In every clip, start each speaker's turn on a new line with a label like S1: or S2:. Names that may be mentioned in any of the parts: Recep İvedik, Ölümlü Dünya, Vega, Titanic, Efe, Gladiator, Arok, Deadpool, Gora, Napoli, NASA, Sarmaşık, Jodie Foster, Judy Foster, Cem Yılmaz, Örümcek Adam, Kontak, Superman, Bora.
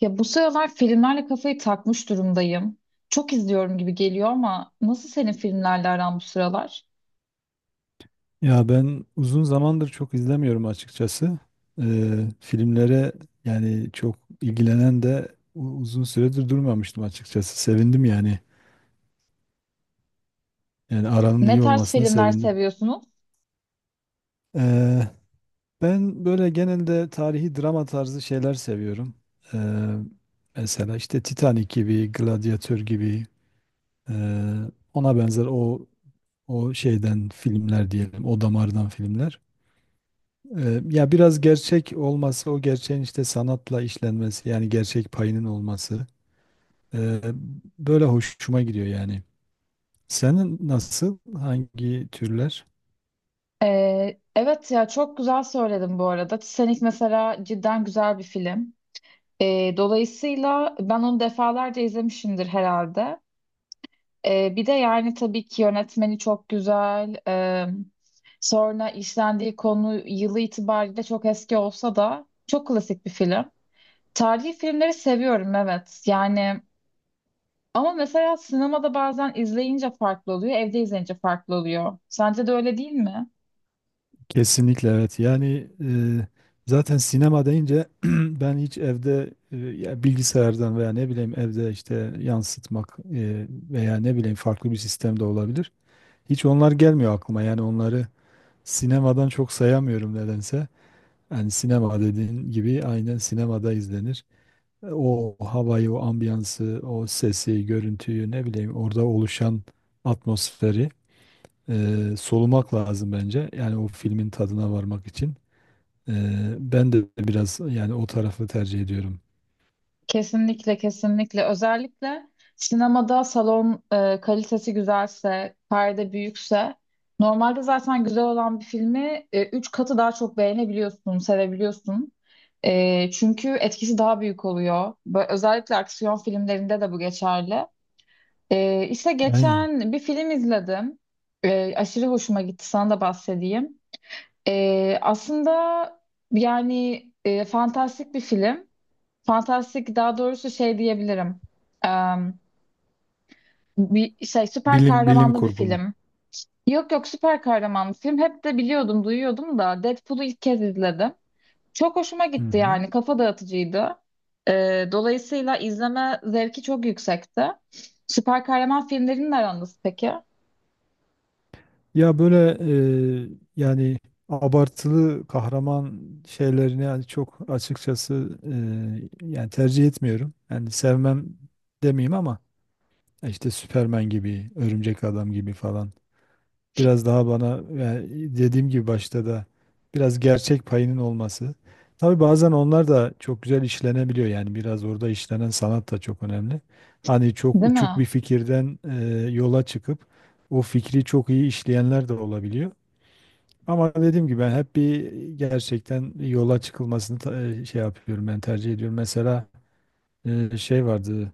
S1: Ya bu sıralar filmlerle kafayı takmış durumdayım. Çok izliyorum gibi geliyor ama nasıl senin filmlerle aran bu sıralar?
S2: Ya ben uzun zamandır çok izlemiyorum açıkçası. Filmlere yani çok ilgilenen de uzun süredir durmamıştım açıkçası. Sevindim yani. Yani aranın
S1: Ne
S2: iyi
S1: tarz
S2: olmasına
S1: filmler
S2: sevindim.
S1: seviyorsunuz?
S2: Ee, Ben böyle genelde tarihi drama tarzı şeyler seviyorum. Ee, Mesela işte Titanic gibi, Gladiator gibi, ee, ona benzer o şeyden filmler diyelim, o damardan filmler. Ya biraz gerçek olması, o gerçeğin işte sanatla işlenmesi, yani gerçek payının olması ee, böyle hoşuma gidiyor yani. Senin nasıl, hangi türler?
S1: Evet ya çok güzel söyledim bu arada. Titanic mesela cidden güzel bir film. Dolayısıyla ben onu defalarca izlemişimdir herhalde. Bir de yani tabii ki yönetmeni çok güzel. Sonra işlendiği konu yılı itibariyle çok eski olsa da çok klasik bir film. Tarihi filmleri seviyorum evet. Yani ama mesela sinemada bazen izleyince farklı oluyor, evde izleyince farklı oluyor. Sence de öyle değil mi?
S2: Kesinlikle evet. Yani zaten sinema deyince ben hiç evde ya bilgisayardan veya ne bileyim evde işte yansıtmak veya ne bileyim farklı bir sistemde olabilir. Hiç onlar gelmiyor aklıma. Yani onları sinemadan çok sayamıyorum nedense. Yani sinema dediğin gibi aynen sinemada izlenir. O havayı, o ambiyansı, o sesi, görüntüyü ne bileyim orada oluşan atmosferi solumak lazım bence. Yani o filmin tadına varmak için. E, Ben de biraz yani o tarafı tercih ediyorum.
S1: Kesinlikle, kesinlikle. Özellikle sinemada salon kalitesi güzelse, perde büyükse, normalde zaten güzel olan bir filmi 3 katı daha çok beğenebiliyorsun, sevebiliyorsun. Çünkü etkisi daha büyük oluyor. Özellikle aksiyon filmlerinde de bu geçerli. E, işte
S2: Aynen.
S1: geçen bir film izledim. Aşırı hoşuma gitti, sana da bahsedeyim. Aslında yani fantastik bir film. Fantastik, daha doğrusu şey diyebilirim. Em, bir şey, süper
S2: Bilim
S1: kahramanlı bir
S2: kurgu mu?
S1: film. Yok, yok, süper kahramanlı film. Hep de biliyordum, duyuyordum da Deadpool'u ilk kez izledim. Çok hoşuma
S2: Hı
S1: gitti
S2: hı.
S1: yani. Kafa dağıtıcıydı. Dolayısıyla izleme zevki çok yüksekti. Süper kahraman filmlerinin aranız peki?
S2: Ya böyle e, yani abartılı kahraman şeylerini yani çok açıkçası yani tercih etmiyorum. Yani sevmem demeyeyim ama işte Superman gibi, Örümcek Adam gibi falan. Biraz daha bana yani dediğim gibi başta da biraz gerçek payının olması. Tabii bazen onlar da çok güzel işlenebiliyor yani biraz orada işlenen sanat da çok önemli. Hani çok
S1: Değil
S2: uçuk bir
S1: mi?
S2: fikirden yola çıkıp o fikri çok iyi işleyenler de olabiliyor. Ama dediğim gibi ben hep bir gerçekten yola çıkılmasını şey yapıyorum ben tercih ediyorum. Mesela şey vardı,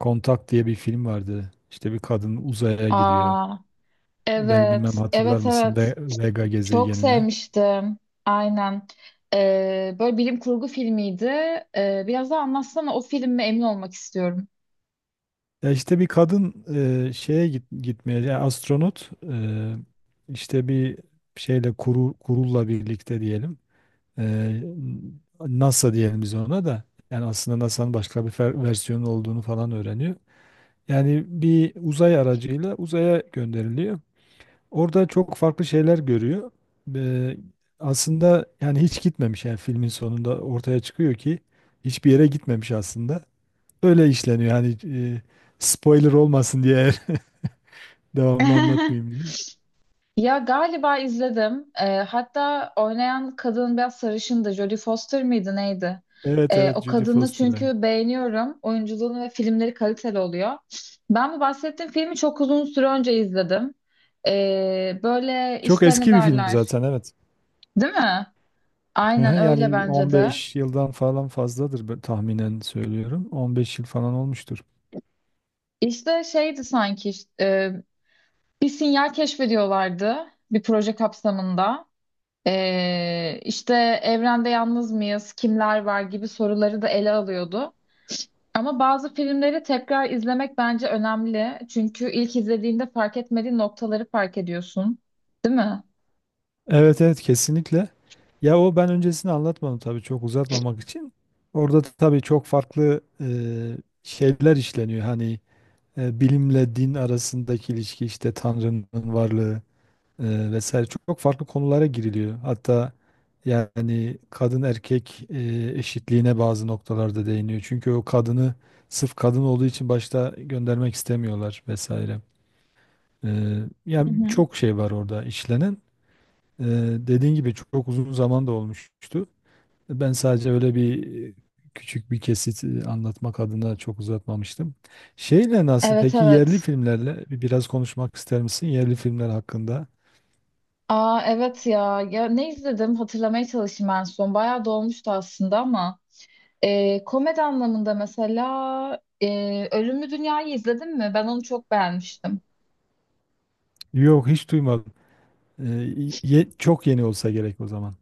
S2: Kontak diye bir film vardı. İşte bir kadın uzaya gidiyor.
S1: Aa,
S2: Ben bilmem
S1: evet,
S2: hatırlar
S1: evet,
S2: mısın
S1: evet.
S2: Vega
S1: Çok
S2: gezegenine.
S1: sevmiştim. Aynen. Böyle bilim kurgu filmiydi. Biraz daha anlatsana o filmi, emin olmak istiyorum.
S2: Ya işte bir kadın şeye git, gitmeye yani astronot işte bir şeyle kurulla birlikte diyelim. E, NASA diyelim biz ona da. Yani aslında NASA'nın başka bir versiyonu olduğunu falan öğreniyor. Yani bir uzay aracıyla uzaya gönderiliyor. Orada çok farklı şeyler görüyor. Ee, Aslında yani hiç gitmemiş, yani filmin sonunda ortaya çıkıyor ki hiçbir yere gitmemiş aslında. Öyle işleniyor yani, spoiler olmasın diye devamını anlatmayayım diye.
S1: Ya galiba izledim. Hatta oynayan kadın biraz sarışındı. Jodie Foster mıydı neydi?
S2: Evet, evet,
S1: O
S2: Judy
S1: kadını
S2: Foster'a.
S1: çünkü beğeniyorum. Oyunculuğunu ve filmleri kaliteli oluyor. Ben bu bahsettiğim filmi çok uzun süre önce izledim. Böyle
S2: Çok
S1: işte ne
S2: eski bir film
S1: derler?
S2: zaten, evet.
S1: Değil mi? Aynen
S2: Aha,
S1: öyle
S2: yani
S1: bence de.
S2: 15 yıldan falan fazladır ben tahminen söylüyorum. 15 yıl falan olmuştur.
S1: İşte şeydi sanki, e, bir sinyal keşfediyorlardı bir proje kapsamında. İşte evrende yalnız mıyız, kimler var gibi soruları da ele alıyordu. Ama bazı filmleri tekrar izlemek bence önemli. Çünkü ilk izlediğinde fark etmediğin noktaları fark ediyorsun. Değil mi?
S2: Evet, evet, kesinlikle. Ya o ben öncesini anlatmadım tabii çok uzatmamak için. Orada tabii çok farklı şeyler işleniyor. Hani bilimle din arasındaki ilişki, işte Tanrı'nın varlığı vesaire, çok, çok farklı konulara giriliyor. Hatta yani kadın erkek eşitliğine bazı noktalarda değiniyor. Çünkü o kadını sırf kadın olduğu için başta göndermek istemiyorlar vesaire. E,
S1: Hı
S2: Yani
S1: hı.
S2: çok şey var orada işlenen. E, Dediğin gibi çok uzun zaman da olmuştu. Ben sadece öyle bir küçük bir kesit anlatmak adına çok uzatmamıştım. Şeyle nasıl
S1: Evet,
S2: peki yerli
S1: evet.
S2: filmlerle biraz konuşmak ister misin yerli filmler hakkında?
S1: Aa evet ya. Ya ne izledim hatırlamaya çalışayım en son. Bayağı dolmuştu aslında ama. Komedi anlamında mesela Ölümlü Dünya'yı izledin mi? Ben onu çok beğenmiştim.
S2: Yok, hiç duymadım. Ee, Çok yeni olsa gerek o zaman.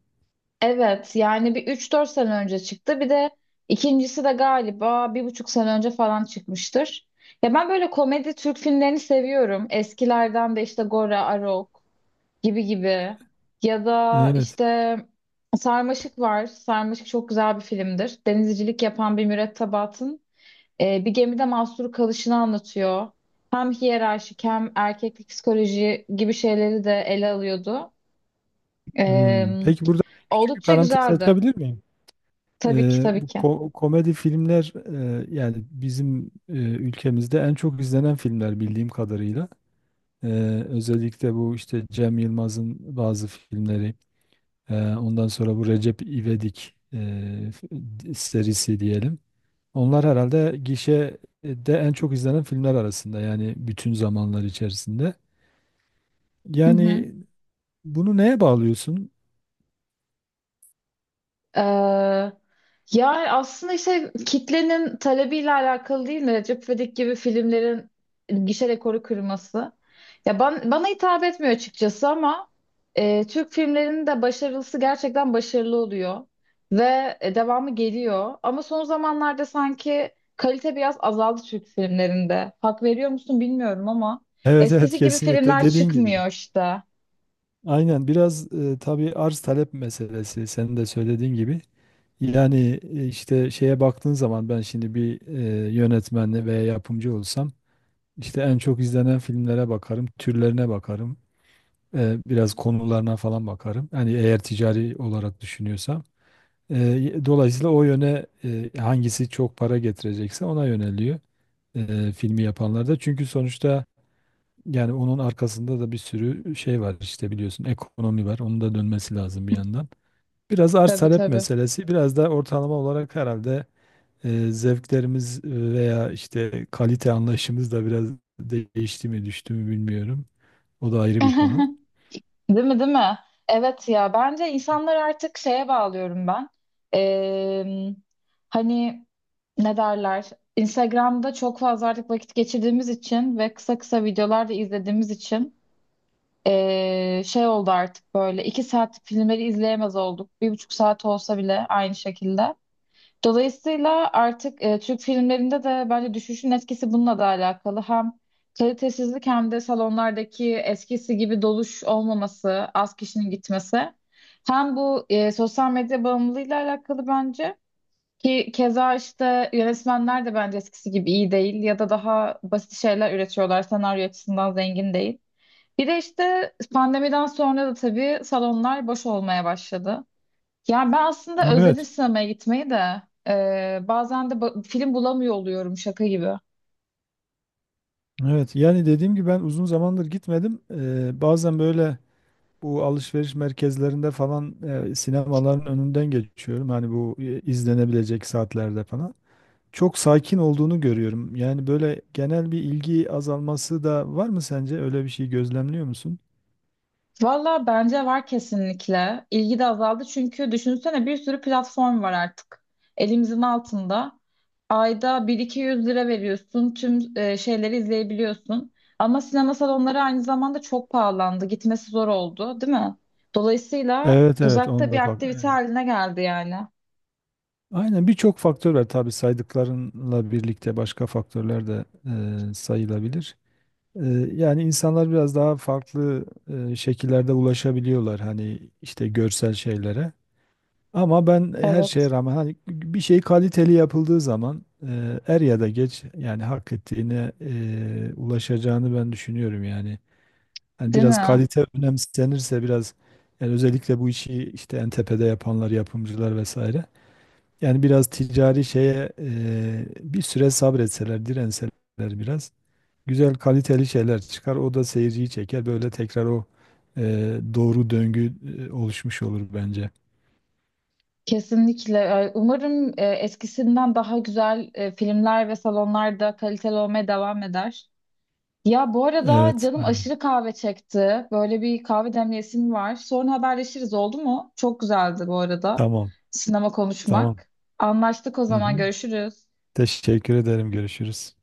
S1: Evet, yani bir 3-4 sene önce çıktı. Bir de ikincisi de galiba 1,5 sene önce falan çıkmıştır. Ya ben böyle komedi Türk filmlerini seviyorum. Eskilerden de işte Gora, Arok gibi gibi. Ya da
S2: Evet.
S1: işte Sarmaşık var. Sarmaşık çok güzel bir filmdir. Denizcilik yapan bir mürettebatın bir gemide mahsur kalışını anlatıyor. Hem hiyerarşik hem erkeklik psikoloji gibi şeyleri de ele alıyordu. E,
S2: Hmm. Peki burada küçük bir
S1: oldukça
S2: parantez
S1: güzeldi.
S2: açabilir miyim?
S1: Tabii ki, tabii
S2: Bu
S1: ki.
S2: komedi filmler yani bizim ülkemizde en çok izlenen filmler bildiğim kadarıyla. Ee, Özellikle bu işte Cem Yılmaz'ın bazı filmleri. Ondan sonra bu Recep İvedik f- serisi diyelim. Onlar herhalde gişede en çok izlenen filmler arasında yani bütün zamanlar içerisinde.
S1: Hı hı.
S2: Yani bunu neye bağlıyorsun?
S1: Ee, Yani aslında işte kitlenin talebiyle alakalı değil mi? Recep İvedik gibi filmlerin gişe rekoru kırması. Ya bana hitap etmiyor açıkçası ama Türk filmlerinin de başarılısı gerçekten başarılı oluyor. Ve devamı geliyor. Ama son zamanlarda sanki kalite biraz azaldı Türk filmlerinde. Hak veriyor musun bilmiyorum ama
S2: Evet, evet,
S1: eskisi gibi
S2: kesinlikle
S1: filmler
S2: dediğin gibi.
S1: çıkmıyor işte.
S2: Aynen biraz tabii arz talep meselesi senin de söylediğin gibi. Yani işte şeye baktığın zaman ben şimdi bir yönetmen veya yapımcı olsam işte en çok izlenen filmlere bakarım, türlerine bakarım, biraz konularına falan bakarım. Yani eğer ticari olarak düşünüyorsam. Dolayısıyla o yöne hangisi çok para getirecekse ona yöneliyor filmi yapanlar da. Çünkü sonuçta yani onun arkasında da bir sürü şey var, işte biliyorsun ekonomi var. Onun da dönmesi lazım bir yandan. Biraz arz
S1: Tabii,
S2: talep
S1: tabii.
S2: meselesi, biraz da ortalama olarak herhalde zevklerimiz veya işte kalite anlayışımız da biraz değişti mi düştü mü bilmiyorum. O da ayrı bir konu.
S1: Değil mi, değil mi? Evet ya, bence insanlar artık şeye bağlıyorum ben. Ee, Hani ne derler? Instagram'da çok fazla artık vakit geçirdiğimiz için ve kısa kısa videolar da izlediğimiz için şey oldu, artık böyle 2 saat filmleri izleyemez olduk. 1,5 saat olsa bile aynı şekilde. Dolayısıyla artık Türk filmlerinde de bence düşüşün etkisi bununla da alakalı. Hem kalitesizlik, hem de salonlardaki eskisi gibi doluş olmaması, az kişinin gitmesi. Hem bu sosyal medya bağımlılığıyla alakalı bence. Ki keza işte yönetmenler de bence eskisi gibi iyi değil ya da daha basit şeyler üretiyorlar. Senaryo açısından zengin değil. Bir de işte pandemiden sonra da tabii salonlar boş olmaya başladı. Yani ben aslında özledim
S2: Evet.
S1: sinemaya gitmeyi de. Bazen de film bulamıyor oluyorum, şaka gibi.
S2: Evet, yani dediğim gibi ben uzun zamandır gitmedim. Bazen böyle bu alışveriş merkezlerinde falan sinemaların önünden geçiyorum. Hani bu izlenebilecek saatlerde falan. Çok sakin olduğunu görüyorum. Yani böyle genel bir ilgi azalması da var mı sence? Öyle bir şey gözlemliyor musun?
S1: Valla bence var, kesinlikle. İlgi de azaldı çünkü düşünsene bir sürü platform var artık elimizin altında. Ayda 1.200 lira veriyorsun, tüm şeyleri izleyebiliyorsun. Ama sinema salonları aynı zamanda çok pahalandı, gitmesi zor oldu değil mi? Dolayısıyla
S2: Evet, evet, onu
S1: uzakta bir
S2: da bak.
S1: aktivite
S2: Evet.
S1: haline geldi yani.
S2: Aynen birçok faktör var tabii saydıklarınla birlikte başka faktörler de sayılabilir. Ee, Yani insanlar biraz daha farklı şekillerde ulaşabiliyorlar hani işte görsel şeylere. Ama ben her
S1: Evet.
S2: şeye rağmen hani bir şey kaliteli yapıldığı zaman er ya da geç yani hak ettiğine ulaşacağını ben düşünüyorum yani. Hani
S1: Değil
S2: biraz
S1: mi?
S2: kalite önemsenirse biraz yani özellikle bu işi işte en tepede yapanlar, yapımcılar vesaire. Yani biraz ticari şeye bir süre sabretseler, direnseler biraz güzel kaliteli şeyler çıkar. O da seyirciyi çeker. Böyle tekrar o e, doğru döngü oluşmuş olur bence.
S1: Kesinlikle. Umarım eskisinden daha güzel filmler ve salonlarda kaliteli olmaya devam eder. Ya bu arada
S2: Evet.
S1: canım
S2: Aynen.
S1: aşırı kahve çekti. Böyle bir kahve demleyesim var. Sonra haberleşiriz, oldu mu? Çok güzeldi bu arada
S2: Tamam.
S1: sinema
S2: Tamam.
S1: konuşmak. Anlaştık o
S2: Hı
S1: zaman,
S2: hı.
S1: görüşürüz.
S2: Teşekkür ederim. Görüşürüz.